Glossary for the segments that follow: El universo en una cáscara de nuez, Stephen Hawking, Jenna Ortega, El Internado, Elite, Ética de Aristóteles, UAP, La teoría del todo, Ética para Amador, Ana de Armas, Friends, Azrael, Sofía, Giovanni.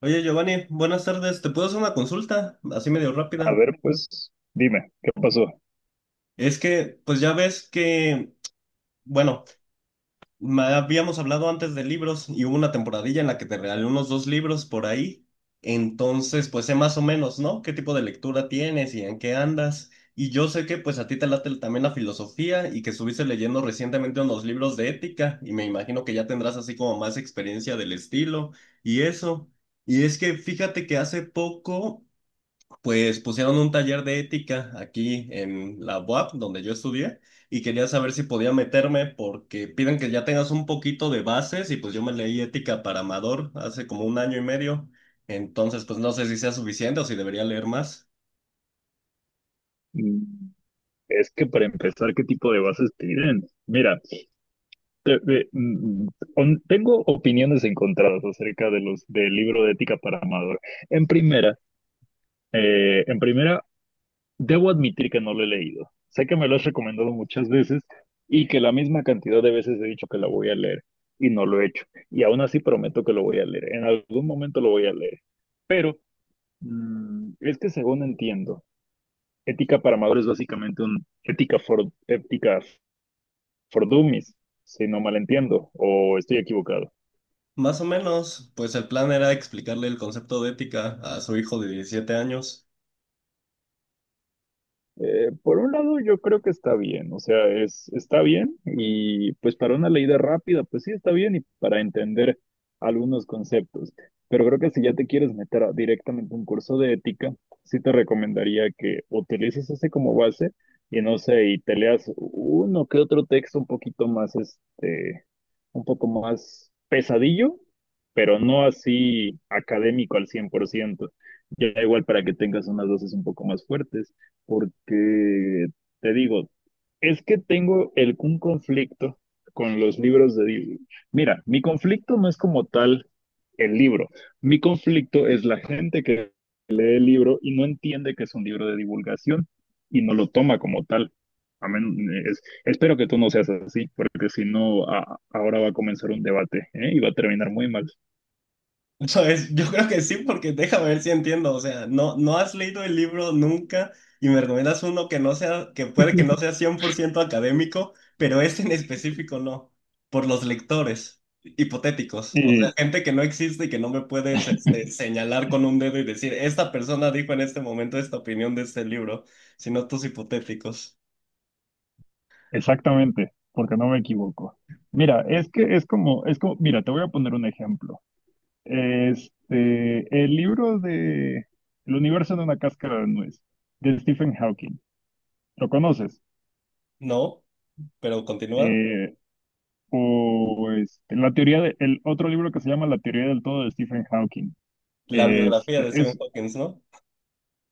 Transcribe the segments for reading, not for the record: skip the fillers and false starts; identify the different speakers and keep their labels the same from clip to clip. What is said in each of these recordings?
Speaker 1: Oye, Giovanni, buenas tardes. ¿Te puedo hacer una consulta? Así medio
Speaker 2: A
Speaker 1: rápida.
Speaker 2: ver, pues dime, ¿qué pasó?
Speaker 1: Es que, pues ya ves que, bueno, me habíamos hablado antes de libros y hubo una temporadilla en la que te regalé unos dos libros por ahí. Entonces, pues sé más o menos, ¿no? ¿Qué tipo de lectura tienes y en qué andas? Y yo sé que, pues a ti te late también la filosofía y que estuviste leyendo recientemente unos libros de ética y me imagino que ya tendrás así como más experiencia del estilo y eso. Y es que fíjate que hace poco pues pusieron un taller de ética aquí en la UAP, donde yo estudié, y quería saber si podía meterme porque piden que ya tengas un poquito de bases y pues yo me leí ética para Amador hace como un año y medio, entonces pues no sé si sea suficiente o si debería leer más.
Speaker 2: Mm, Es que para empezar, ¿qué tipo de bases piden? Mira, te- te- mm, tengo opiniones encontradas acerca de los del libro de ética para Amador. En primera, en primera, debo admitir que no lo he leído. Sé que me lo has recomendado muchas veces y que la misma cantidad de veces he dicho que la voy a leer y no lo he hecho. Y aún así prometo que lo voy a leer. En algún momento lo voy a leer. Pero es que según entiendo, ética para amadores es básicamente un ética for dummies, si no malentiendo, o estoy equivocado.
Speaker 1: Más o menos, pues el plan era explicarle el concepto de ética a su hijo de 17 años.
Speaker 2: Por un lado, yo creo que está bien, o sea, está bien y pues para una leída rápida, pues sí está bien y para entender algunos conceptos. Pero creo que si ya te quieres directamente a un curso de ética, sí te recomendaría que utilices ese como base y no sé, y te leas uno que otro texto un poquito más, este, un poco más pesadillo, pero no así académico al 100%. Ya igual para que tengas unas dosis un poco más fuertes porque te digo, es que tengo un conflicto con los libros de Disney. Mira, mi conflicto no es como tal el libro. Mi conflicto es la gente que lee el libro y no entiende que es un libro de divulgación y no lo toma como tal. Espero que tú no seas así, porque si no, ahora va a comenzar un debate, ¿eh? Y va a terminar muy mal.
Speaker 1: Entonces, yo creo que sí, porque déjame ver si entiendo. O sea, no, no has leído el libro nunca y me recomiendas uno que no sea, que puede que no sea 100% académico, pero este en específico no, por los lectores hipotéticos. O sea,
Speaker 2: Y
Speaker 1: gente que no existe y que no me puedes este, señalar con un dedo y decir, esta persona dijo en este momento esta opinión de este libro, sino tus hipotéticos.
Speaker 2: exactamente, porque no me equivoco. Mira, es que es como, mira, te voy a poner un ejemplo. Este, el libro de El universo en una cáscara de nuez, de Stephen Hawking. ¿Lo conoces?
Speaker 1: No, pero continúa.
Speaker 2: Eh, o este, el otro libro que se llama La teoría del todo de Stephen Hawking.
Speaker 1: La biografía
Speaker 2: Este,
Speaker 1: de Stephen
Speaker 2: es,
Speaker 1: Hawking, ¿no?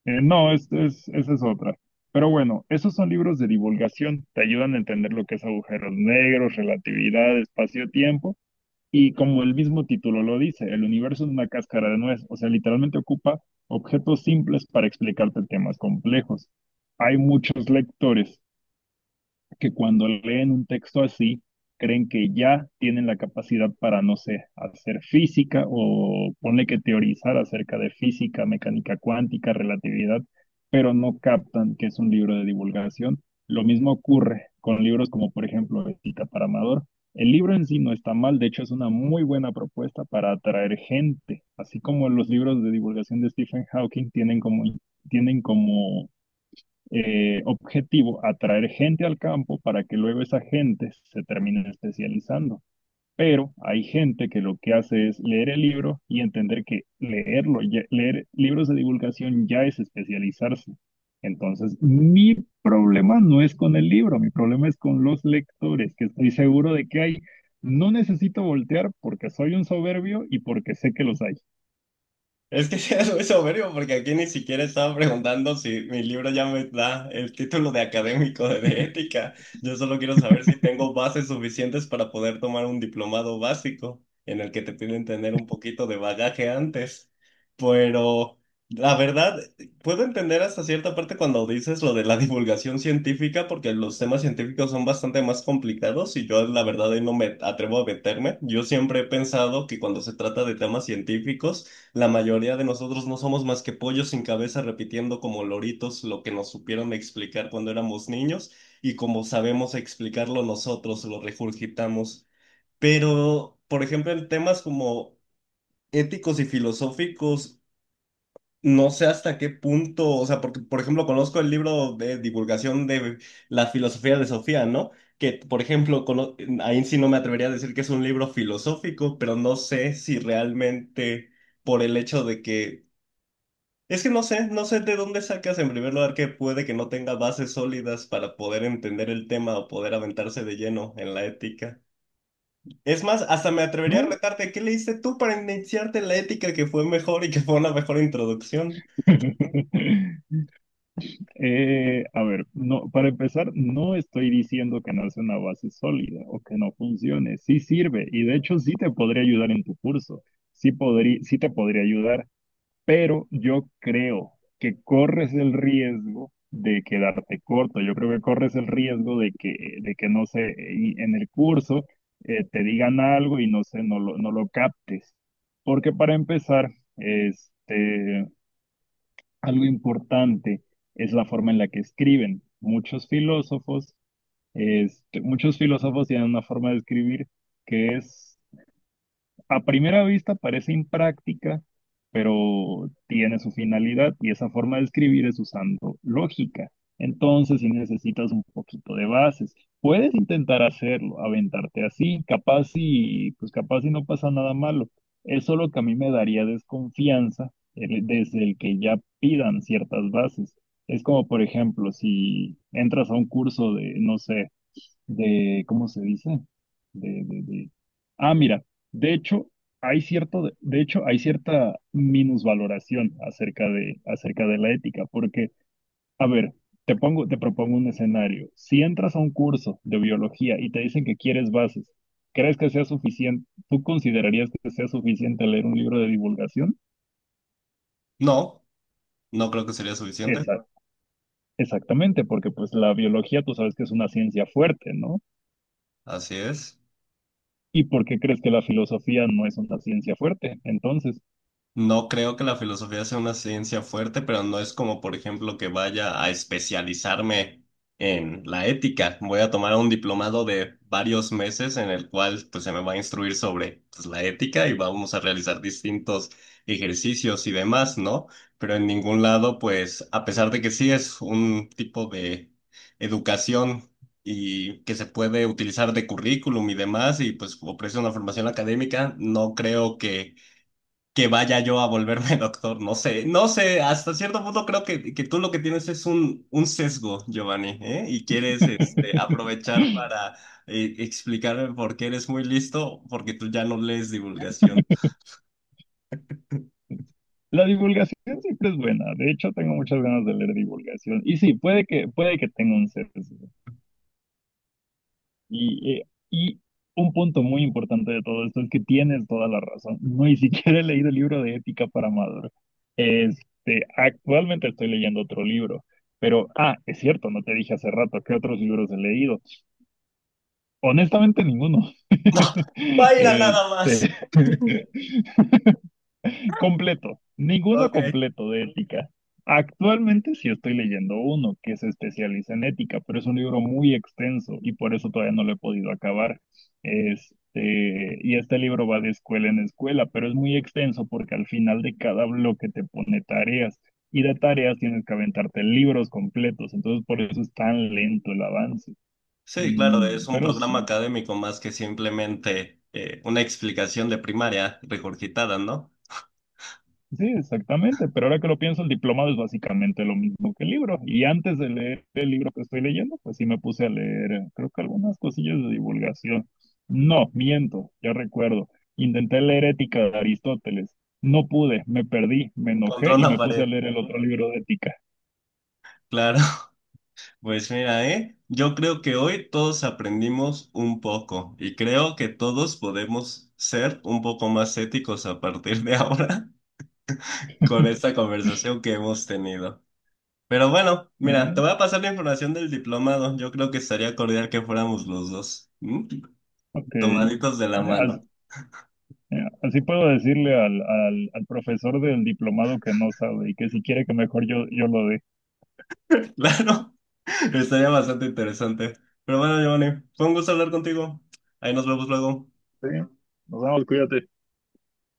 Speaker 2: no, es- Esa es otra. Pero bueno, esos son libros de divulgación, te ayudan a entender lo que es agujeros negros, relatividad, espacio-tiempo. Y como el mismo título lo dice, el universo es una cáscara de nuez, o sea, literalmente ocupa objetos simples para explicarte temas complejos. Hay muchos lectores que cuando leen un texto así, creen que ya tienen la capacidad para, no sé, hacer física o ponle que teorizar acerca de física, mecánica cuántica, relatividad, pero no captan que es un libro de divulgación. Lo mismo ocurre con libros como, por ejemplo, Cita para Amador. El libro en sí no está mal, de hecho es una muy buena propuesta para atraer gente, así como los libros de divulgación de Stephen Hawking tienen como objetivo atraer gente al campo para que luego esa gente se termine especializando. Pero hay gente que lo que hace es leer el libro y entender que leerlo, leer libros de divulgación ya es especializarse. Entonces, mi problema no es con el libro, mi problema es con los lectores, que estoy seguro de que hay. No necesito voltear porque soy un soberbio y porque sé que los hay.
Speaker 1: Es que sí es muy soberbio porque aquí ni siquiera estaba preguntando si mi libro ya me da el título de académico de ética. Yo solo quiero saber si tengo bases suficientes para poder tomar un diplomado básico en el que te piden tener un poquito de bagaje antes. Pero la verdad, puedo entender hasta cierta parte cuando dices lo de la divulgación científica porque los temas científicos son bastante más complicados y yo la verdad ahí no me atrevo a meterme. Yo siempre he pensado que cuando se trata de temas científicos, la mayoría de nosotros no somos más que pollos sin cabeza repitiendo como loritos lo que nos supieron explicar cuando éramos niños y como sabemos explicarlo nosotros, lo regurgitamos. Pero, por ejemplo, en temas como éticos y filosóficos, no sé hasta qué punto, o sea, porque, por ejemplo, conozco el libro de divulgación de la filosofía de Sofía, ¿no? Que, por ejemplo, ahí sí no me atrevería a decir que es un libro filosófico, pero no sé si realmente por el hecho de que es que no sé, no sé de dónde sacas en primer lugar que puede que no tenga bases sólidas para poder entender el tema o poder aventarse de lleno en la ética. Es más, hasta me atrevería a
Speaker 2: No.
Speaker 1: retarte, ¿qué leíste tú para iniciarte en la ética que fue mejor y que fue una mejor introducción?
Speaker 2: A ver, no, para empezar, no estoy diciendo que no es una base sólida o que no funcione. Sí sirve y de hecho sí te podría ayudar en tu curso. Sí podría, sí te podría ayudar, pero yo creo que corres el riesgo de quedarte corto. Yo creo que corres el riesgo de que no sé, y en el curso te digan algo y no sé, no lo captes. Porque para empezar, este, algo importante es la forma en la que escriben. Muchos filósofos, este, muchos filósofos tienen una forma de escribir que es a primera vista parece impráctica, pero tiene su finalidad y esa forma de escribir es usando lógica. Entonces, si necesitas un poquito de bases, puedes intentar hacerlo, aventarte así, capaz y pues capaz y no pasa nada malo. Es solo que a mí me daría desconfianza desde el que ya pidan ciertas bases. Es como, por ejemplo, si entras a un curso de, no sé, de, ¿cómo se dice? De, de, de- Ah, mira, de hecho, hay cierto, de hecho, hay cierta minusvaloración acerca de la ética, porque, a ver, te propongo un escenario. Si entras a un curso de biología y te dicen que quieres bases, ¿crees que sea suficiente? ¿Tú considerarías que sea suficiente leer un libro de divulgación?
Speaker 1: No, no creo que sería suficiente.
Speaker 2: Esa, exactamente, porque pues la biología tú sabes que es una ciencia fuerte, ¿no?
Speaker 1: Así es.
Speaker 2: ¿Y por qué crees que la filosofía no es una ciencia fuerte? Entonces,
Speaker 1: No creo que la filosofía sea una ciencia fuerte, pero no es como, por ejemplo, que vaya a especializarme en la ética. Voy a tomar un diplomado de varios meses en el cual pues, se me va a instruir sobre pues, la ética y vamos a realizar distintos ejercicios y demás, ¿no? Pero en ningún lado, pues, a pesar de que sí es un tipo de educación y que se puede utilizar de currículum y demás, y pues ofrece una formación académica, no creo que vaya yo a volverme doctor, no sé, no sé, hasta cierto punto creo que tú lo que tienes es un sesgo, Giovanni, ¿eh? Y quieres este, aprovechar para explicarme por qué eres muy listo, porque tú ya no lees divulgación.
Speaker 2: la divulgación siempre es buena. De hecho, tengo muchas ganas de leer divulgación. Y sí, puede que tenga un sesgo. Y, eh, y un punto muy importante de todo esto es que tienes toda la razón. No ni siquiera he leído el libro de ética para Amador. Este, actualmente estoy leyendo otro libro. Pero, ah, es cierto, no te dije hace rato qué otros libros he leído. Honestamente, ninguno.
Speaker 1: No, vaya
Speaker 2: Este,
Speaker 1: nada más.
Speaker 2: completo, ninguno
Speaker 1: Ok.
Speaker 2: completo de ética. Actualmente sí estoy leyendo uno que se especializa en ética, pero es un libro muy extenso y por eso todavía no lo he podido acabar. Este, y este libro va de escuela en escuela, pero es muy extenso porque al final de cada bloque te pone tareas y de tareas tienes que aventarte libros completos, entonces por eso es tan lento el avance.
Speaker 1: Sí, claro,
Speaker 2: Mm,
Speaker 1: es un
Speaker 2: pero
Speaker 1: programa
Speaker 2: sí,
Speaker 1: académico más que simplemente una explicación de primaria regurgitada, ¿no?
Speaker 2: sí, exactamente, pero ahora que lo pienso, el diplomado es básicamente lo mismo que el libro. Y antes de leer el libro que estoy leyendo, pues sí me puse a leer, creo que algunas cosillas de divulgación. No, miento, ya recuerdo. Intenté leer Ética de Aristóteles. No pude, me perdí, me
Speaker 1: Contra
Speaker 2: enojé y
Speaker 1: una
Speaker 2: me puse a
Speaker 1: pared,
Speaker 2: leer el otro libro de Ética.
Speaker 1: claro. Pues mira, ¿eh? Yo creo que hoy todos aprendimos un poco y creo que todos podemos ser un poco más éticos a partir de ahora con esta conversación que hemos tenido. Pero bueno, mira,
Speaker 2: Eh,
Speaker 1: te voy a pasar la información del diplomado. Yo creo que estaría cordial que fuéramos los dos, ¿m?
Speaker 2: ok.
Speaker 1: Tomaditos de la
Speaker 2: As-
Speaker 1: mano.
Speaker 2: eh, Así puedo decirle al, al profesor del diplomado que no sabe y que si quiere que mejor yo lo dé.
Speaker 1: Claro, estaría bastante interesante. Pero bueno, Giovanni, fue un gusto hablar contigo. Ahí nos vemos luego.
Speaker 2: Sí. Nos vemos, cuídate.